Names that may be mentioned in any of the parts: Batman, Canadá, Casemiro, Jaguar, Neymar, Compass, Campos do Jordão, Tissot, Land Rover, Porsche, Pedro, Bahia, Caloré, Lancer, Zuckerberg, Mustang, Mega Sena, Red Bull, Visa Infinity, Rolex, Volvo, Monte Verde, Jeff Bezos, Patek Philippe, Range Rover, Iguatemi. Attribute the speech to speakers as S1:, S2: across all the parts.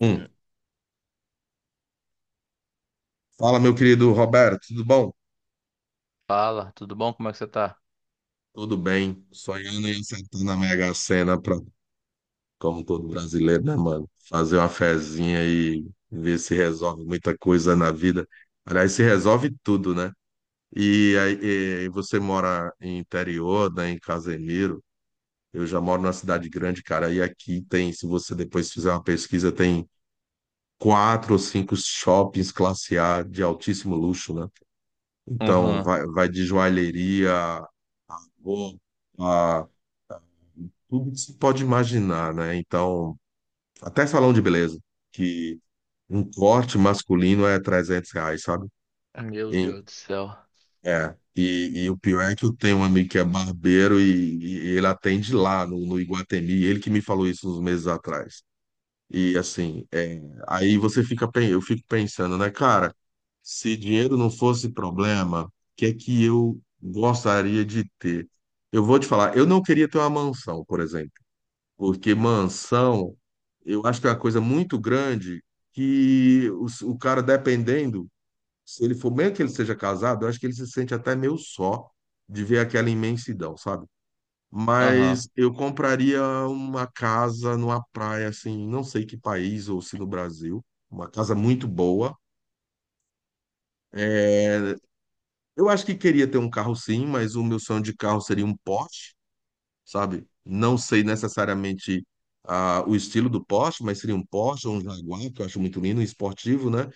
S1: Hum. Fala, meu querido Roberto, tudo bom?
S2: Fala, tudo bom? Como é que você tá?
S1: Tudo bem. Sonhando em acertar na Mega Sena, pra, como todo brasileiro, né, mano? Fazer uma fezinha e ver se resolve muita coisa na vida. Aliás, se resolve tudo, né? E aí, e você mora em interior, né, em Casemiro. Eu já moro numa cidade grande, cara. E aqui tem, se você depois fizer uma pesquisa, tem quatro ou cinco shoppings classe A de altíssimo luxo, né? Então,
S2: Aham.
S1: vai de joalheria. Vou a tudo que se pode imaginar, né? Então, até salão de beleza, que um corte masculino é R$ 300, sabe?
S2: Meu
S1: Em-
S2: Deus do céu.
S1: É. E o pior é que eu tenho um amigo que é barbeiro e ele atende lá no Iguatemi, ele que me falou isso uns meses atrás. E assim, é, aí você fica, eu fico pensando, né, cara, se dinheiro não fosse problema, o que é que eu gostaria de ter? Eu vou te falar, eu não queria ter uma mansão, por exemplo. Porque mansão, eu acho que é uma coisa muito grande que o cara, dependendo, se ele for, mesmo que ele seja casado, eu acho que ele se sente até meio só de ver aquela imensidão, sabe?
S2: Aham.
S1: Mas eu compraria uma casa numa praia, assim, não sei que país, ou se no Brasil, uma casa muito boa. É, eu acho que queria ter um carro sim, mas o meu sonho de carro seria um Porsche. Sabe? Não sei necessariamente ah, o estilo do Porsche, mas seria um Porsche ou um Jaguar, que eu acho muito lindo, um esportivo, né?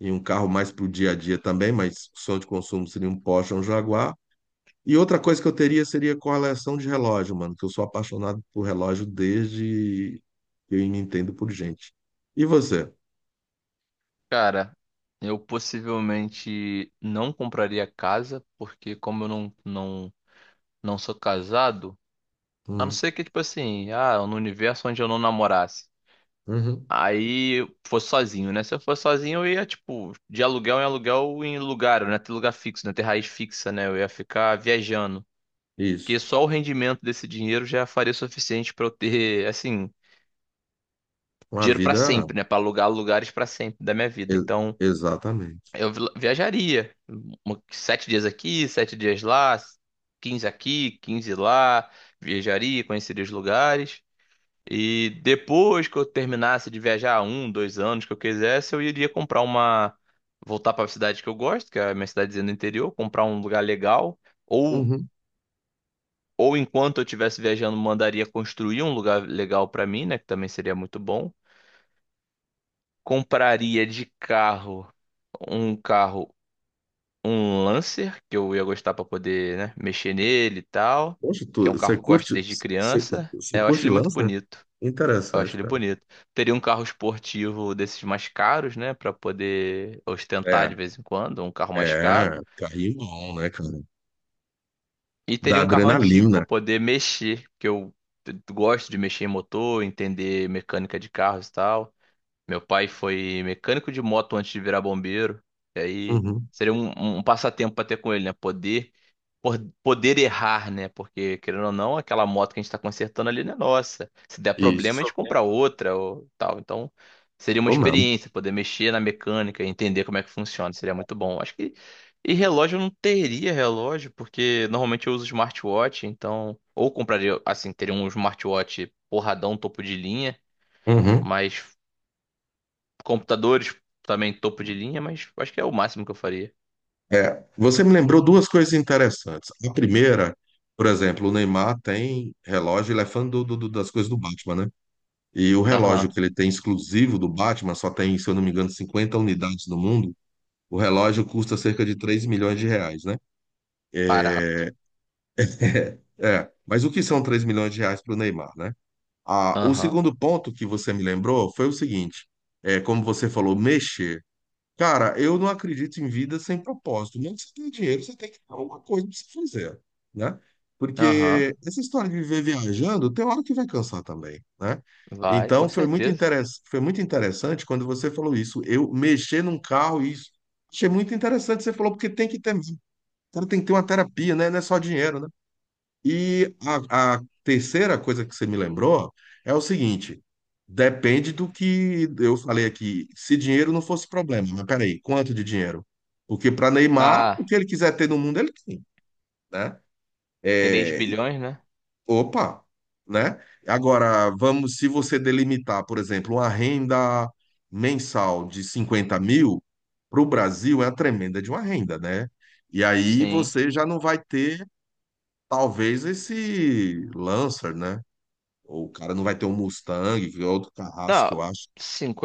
S1: E um carro mais para o dia a dia também, mas sonho de consumo seria um Porsche ou um Jaguar. E outra coisa que eu teria seria coleção de relógio, mano, que eu sou apaixonado por relógio desde que eu me entendo por gente. E você?
S2: Cara, eu possivelmente não compraria casa, porque como eu não sou casado, a não
S1: Hum,
S2: ser que, tipo assim, ah, no universo onde eu não namorasse.
S1: uhum,
S2: Aí eu fosse sozinho, né? Se eu fosse sozinho, eu ia, tipo, de aluguel em lugar, né? Ter lugar fixo, né? Ter raiz fixa, né? Eu ia ficar viajando. Porque
S1: isso.
S2: só o rendimento desse dinheiro já faria o suficiente pra eu ter, assim.
S1: Uma
S2: Dinheiro pra
S1: vida.
S2: sempre, né? Pra alugar lugares pra sempre da minha vida.
S1: e-
S2: Então,
S1: Exatamente.
S2: eu viajaria. 7 dias aqui, 7 dias lá, 15 aqui, 15 lá. Viajaria, conheceria os lugares. E depois que eu terminasse de viajar um, dois anos que eu quisesse, eu iria comprar uma. Voltar pra cidade que eu gosto, que é a minha cidadezinha do interior, comprar um lugar legal. Ou,
S1: Uhum.
S2: ou enquanto eu estivesse viajando, mandaria construir um lugar legal pra mim, né? Que também seria muito bom. Compraria de carro, um Lancer, que eu ia gostar pra poder, né, mexer nele e tal,
S1: Poxa,
S2: que
S1: tu,
S2: é um carro
S1: você
S2: que eu gosto
S1: curte,
S2: desde
S1: você,
S2: criança.
S1: você
S2: É, eu acho
S1: curte
S2: ele muito
S1: lança?
S2: bonito. Eu acho
S1: Interessante,
S2: ele
S1: cara.
S2: bonito. Teria um carro esportivo desses mais caros, né, pra poder ostentar
S1: É,
S2: de vez em quando, um carro mais
S1: é,
S2: caro.
S1: carrinhão, né, cara?
S2: E
S1: Da
S2: teria um carro antigo pra
S1: adrenalina.
S2: poder mexer, que eu gosto de mexer em motor, entender mecânica de carros e tal. Meu pai foi mecânico de moto antes de virar bombeiro. E aí
S1: Uhum,
S2: seria um passatempo para ter com ele, né? Poder errar, né? Porque, querendo ou não, aquela moto que a gente está consertando ali não é nossa. Se der problema, a
S1: isso,
S2: gente compra outra ou tal. Então, seria uma
S1: ou não.
S2: experiência, poder mexer na mecânica, entender como é que funciona. Seria muito bom. Acho que. E relógio eu não teria relógio, porque normalmente eu uso smartwatch, então. Ou compraria, assim, teria um smartwatch porradão, topo de linha.
S1: Uhum.
S2: Mas computadores também topo de linha, mas acho que é o máximo que eu faria.
S1: É, você me lembrou duas coisas interessantes. A primeira, por exemplo, o Neymar tem relógio, ele é fã do, do- do- das coisas do Batman, né? E o relógio
S2: Aham.
S1: que ele tem exclusivo do Batman, só tem, se eu não me engano, 50 unidades no mundo. O relógio custa cerca de R$ 3 milhões, né?
S2: Barato.
S1: É, é. Mas o que são R$ 3 milhões para o Neymar, né? Ah, o
S2: Aham.
S1: segundo ponto que você me lembrou foi o seguinte: é, como você falou, mexer. Cara, eu não acredito em vida sem propósito. Mesmo que você tenha dinheiro, você tem que ter alguma coisa para você fazer, né?
S2: Aham.
S1: Porque essa história de viver viajando, tem hora que vai cansar também, né?
S2: Vai, com
S1: Então,
S2: certeza.
S1: foi muito interessante quando você falou isso. Eu mexer num carro, isso. Achei muito interessante. Você falou, porque tem que ter, cara, tem que ter uma terapia, né? Não é só dinheiro, né? E a terceira coisa que você me lembrou é o seguinte: depende do que eu falei aqui. Se dinheiro não fosse problema, mas peraí, quanto de dinheiro? Porque para Neymar, o
S2: Ah,
S1: que ele quiser ter no mundo, ele tem, né?
S2: três
S1: É,
S2: bilhões, né?
S1: opa, né? Agora, vamos, se você delimitar, por exemplo, uma renda mensal de 50 mil, para o Brasil é a tremenda de uma renda, né? E aí
S2: Sim.
S1: você já não vai ter, talvez, esse Lancer, né? Ou o cara não vai ter um Mustang, que é outro carrasco
S2: Não,
S1: que eu acho.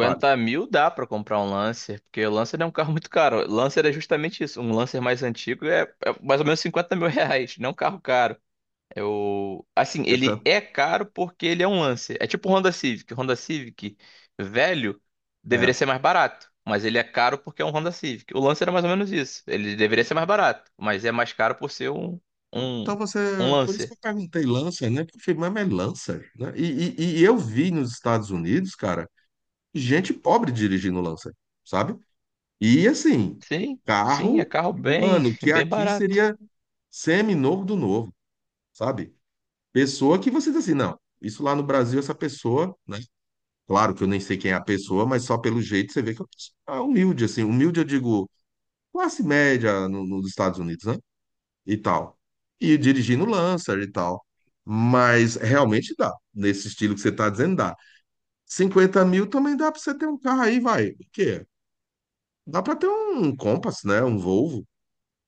S1: Vale.
S2: mil dá pra comprar um Lancer, porque o Lancer é um carro muito caro. Lancer é justamente isso. Um Lancer mais antigo é mais ou menos 50 mil reais, não é um carro caro. Eu, assim,
S1: É
S2: ele
S1: tanto,
S2: é caro porque ele é um Lancer. É tipo o Honda Civic. O Honda Civic velho deveria
S1: é.
S2: ser mais barato, mas ele é caro porque é um Honda Civic. O Lancer era mais ou menos isso. Ele deveria ser mais barato, mas é mais caro por ser um,
S1: Então você.
S2: um
S1: Por isso que
S2: Lancer.
S1: eu perguntei Lancer, né? Porque eu falei, mas é Lancer, né? E eu vi nos Estados Unidos, cara, gente pobre dirigindo Lancer, sabe? E assim,
S2: Sim, sim, é
S1: carro,
S2: carro bem,
S1: mano, que
S2: bem
S1: aqui
S2: barato.
S1: seria semi-novo do novo, sabe? Pessoa que você diz assim, não, isso lá no Brasil, essa pessoa, né? Claro que eu nem sei quem é a pessoa, mas só pelo jeito você vê que é uma pessoa humilde, assim. Humilde, eu digo classe média nos Estados Unidos, né? E tal. E dirigindo Lancer e tal. Mas realmente dá. Nesse estilo que você está dizendo, dá. 50 mil também dá para você ter um carro aí, vai. O quê? Dá para ter um Compass, né? Um Volvo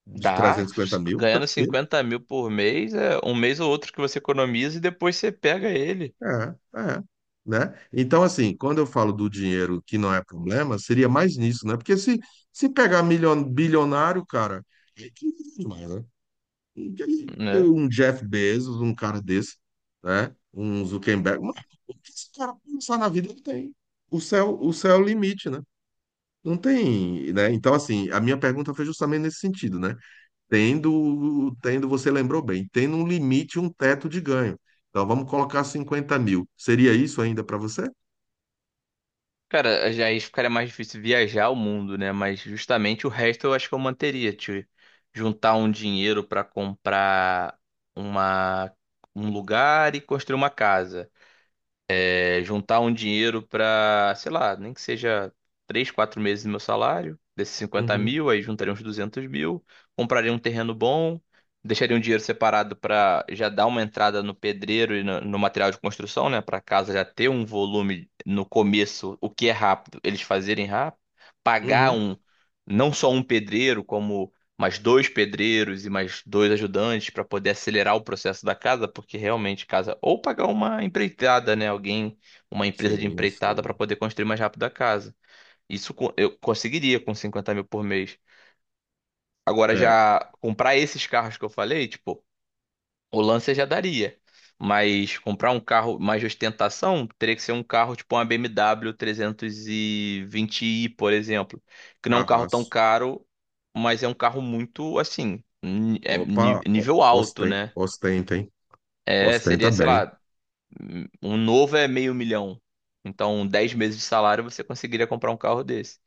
S1: de
S2: Dá,
S1: 350 mil,
S2: ganhando
S1: tranquilo.
S2: 50 mil por mês, é um mês ou outro que você economiza e depois você pega ele,
S1: É, é. Né? Então, assim, quando eu falo do dinheiro que não é problema, seria mais nisso, né? Porque se, se pegar bilionário, cara, é que é demais, né? E aí,
S2: né?
S1: um Jeff Bezos, um cara desse, né? Um Zuckerberg. Mas o que esse cara pensar na vida, ele tem. O céu é o limite, né? Não tem, né? Então, assim, a minha pergunta foi justamente nesse sentido, né? Tendo, você lembrou bem, tendo um limite, um teto de ganho. Então, vamos colocar 50 mil. Seria isso ainda para você?
S2: Cara, aí ficaria mais difícil viajar o mundo, né? Mas justamente o resto eu acho que eu manteria, tipo, juntar um dinheiro pra comprar uma um lugar e construir uma casa. É, juntar um dinheiro para sei lá, nem que seja 3 4 meses do meu salário, desses cinquenta
S1: Uhum,
S2: mil, aí juntaria uns 200 mil, compraria um terreno bom, deixaria um dinheiro separado para já dar uma entrada no pedreiro e no material de construção, né? Para casa já ter um volume no começo, o que é rápido, eles fazerem rápido, pagar
S1: uhum.
S2: um, não só um pedreiro, como mais dois pedreiros e mais dois ajudantes para poder acelerar o processo da casa, porque realmente casa ou pagar uma empreitada, né, alguém, uma empresa de
S1: Sim,
S2: empreitada para
S1: sim.
S2: poder construir mais rápido a casa. Isso, eu conseguiria com 50 mil por mês. Agora,
S1: É,
S2: já comprar esses carros que eu falei, tipo, o Lancer já daria. Mas comprar um carro mais de ostentação teria que ser um carro tipo uma BMW 320i, por exemplo. Que não é um carro tão
S1: carrasco.
S2: caro, mas é um carro muito, assim, é
S1: Opa,
S2: nível alto, né?
S1: ostenta, hein?
S2: É,
S1: Ostenta
S2: seria, sei
S1: bem.
S2: lá, um novo é meio milhão. Então, 10 meses de salário você conseguiria comprar um carro desse.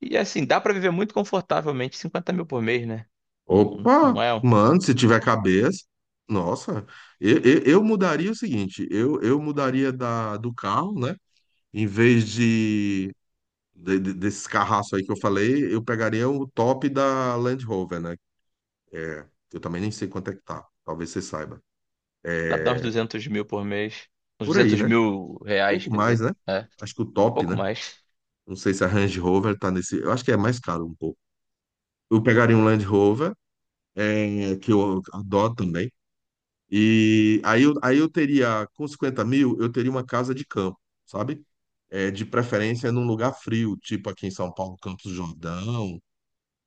S2: E assim, dá pra viver muito confortavelmente, 50 mil por mês, né? Não,
S1: Opa,
S2: não é?
S1: mano, se tiver cabeça. Nossa, eu mudaria o seguinte: eu mudaria do carro, né? Em vez desses carraços aí que eu falei, eu pegaria o top da Land Rover, né? Eu também nem sei quanto é que tá. Talvez você saiba.
S2: Dá pra dar uns
S1: É,
S2: 200 mil por mês. Uns
S1: por aí,
S2: 200
S1: né?
S2: mil reais,
S1: Pouco
S2: quer
S1: mais,
S2: dizer.
S1: né?
S2: É,
S1: Acho que o top,
S2: pouco
S1: né?
S2: mais.
S1: Não sei se a Range Rover tá nesse. Eu acho que é mais caro um pouco. Eu pegaria um Land Rover, é, que eu adoro também. E aí eu teria, com 50 mil, eu teria uma casa de campo, sabe? É, de preferência num lugar frio, tipo aqui em São Paulo, Campos do Jordão,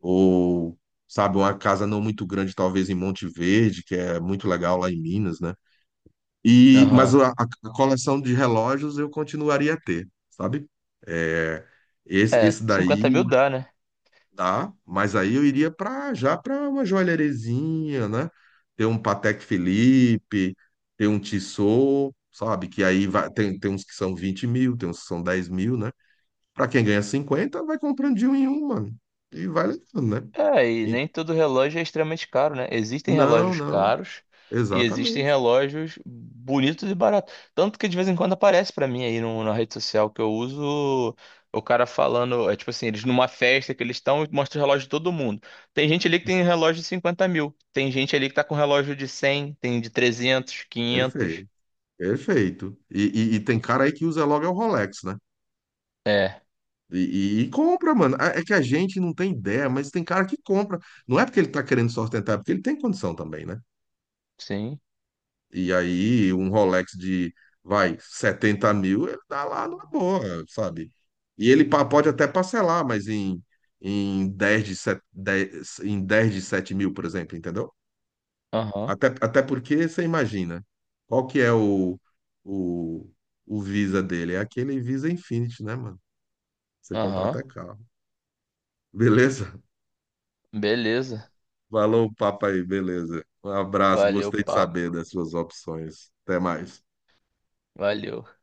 S1: ou, sabe, uma casa não muito grande, talvez em Monte Verde, que é muito legal lá em Minas, né? E, mas
S2: Aham.
S1: a coleção de relógios eu continuaria a ter, sabe? É, esse,
S2: É,
S1: esse
S2: 50
S1: daí
S2: mil dá, né?
S1: dá, mas aí eu iria para já para uma joalherezinha, né? Ter um Patek Philippe, ter um Tissot, sabe? Que aí vai, tem uns que são 20 mil, tem uns que são 10 mil, né? Para quem ganha 50 vai comprando de um em um, mano. E vai levando, né?
S2: É, e nem todo relógio é extremamente caro, né? Existem
S1: Não,
S2: relógios
S1: não.
S2: caros e existem
S1: Exatamente.
S2: relógios bonitos e baratos. Tanto que de vez em quando aparece pra mim aí no, na rede social que eu uso, o cara falando, é tipo assim, eles numa festa que eles estão e mostra o relógio de todo mundo. Tem gente ali que tem relógio de 50 mil, tem gente ali que tá com relógio de 100, tem de 300, 500.
S1: Perfeito. Perfeito. E, e tem cara aí que usa logo é o Rolex, né?
S2: É,
S1: E, e compra, mano. É que a gente não tem ideia, mas tem cara que compra. Não é porque ele tá querendo se ostentar, é porque ele tem condição também, né?
S2: sim,
S1: E aí, um Rolex de, vai, 70 mil, ele dá lá numa boa, sabe? E ele pode até parcelar, mas em, 10 de sete, dez em 10 de 7 mil, por exemplo, entendeu?
S2: aham,
S1: Até, até porque você imagina, qual que é o, o Visa dele? É aquele Visa Infinity, né, mano? Você compra
S2: aham,
S1: até carro. Beleza?
S2: beleza.
S1: Falou o papo aí, beleza. Um abraço,
S2: Valeu,
S1: gostei de
S2: papo,
S1: saber das suas opções. Até mais.
S2: valeu.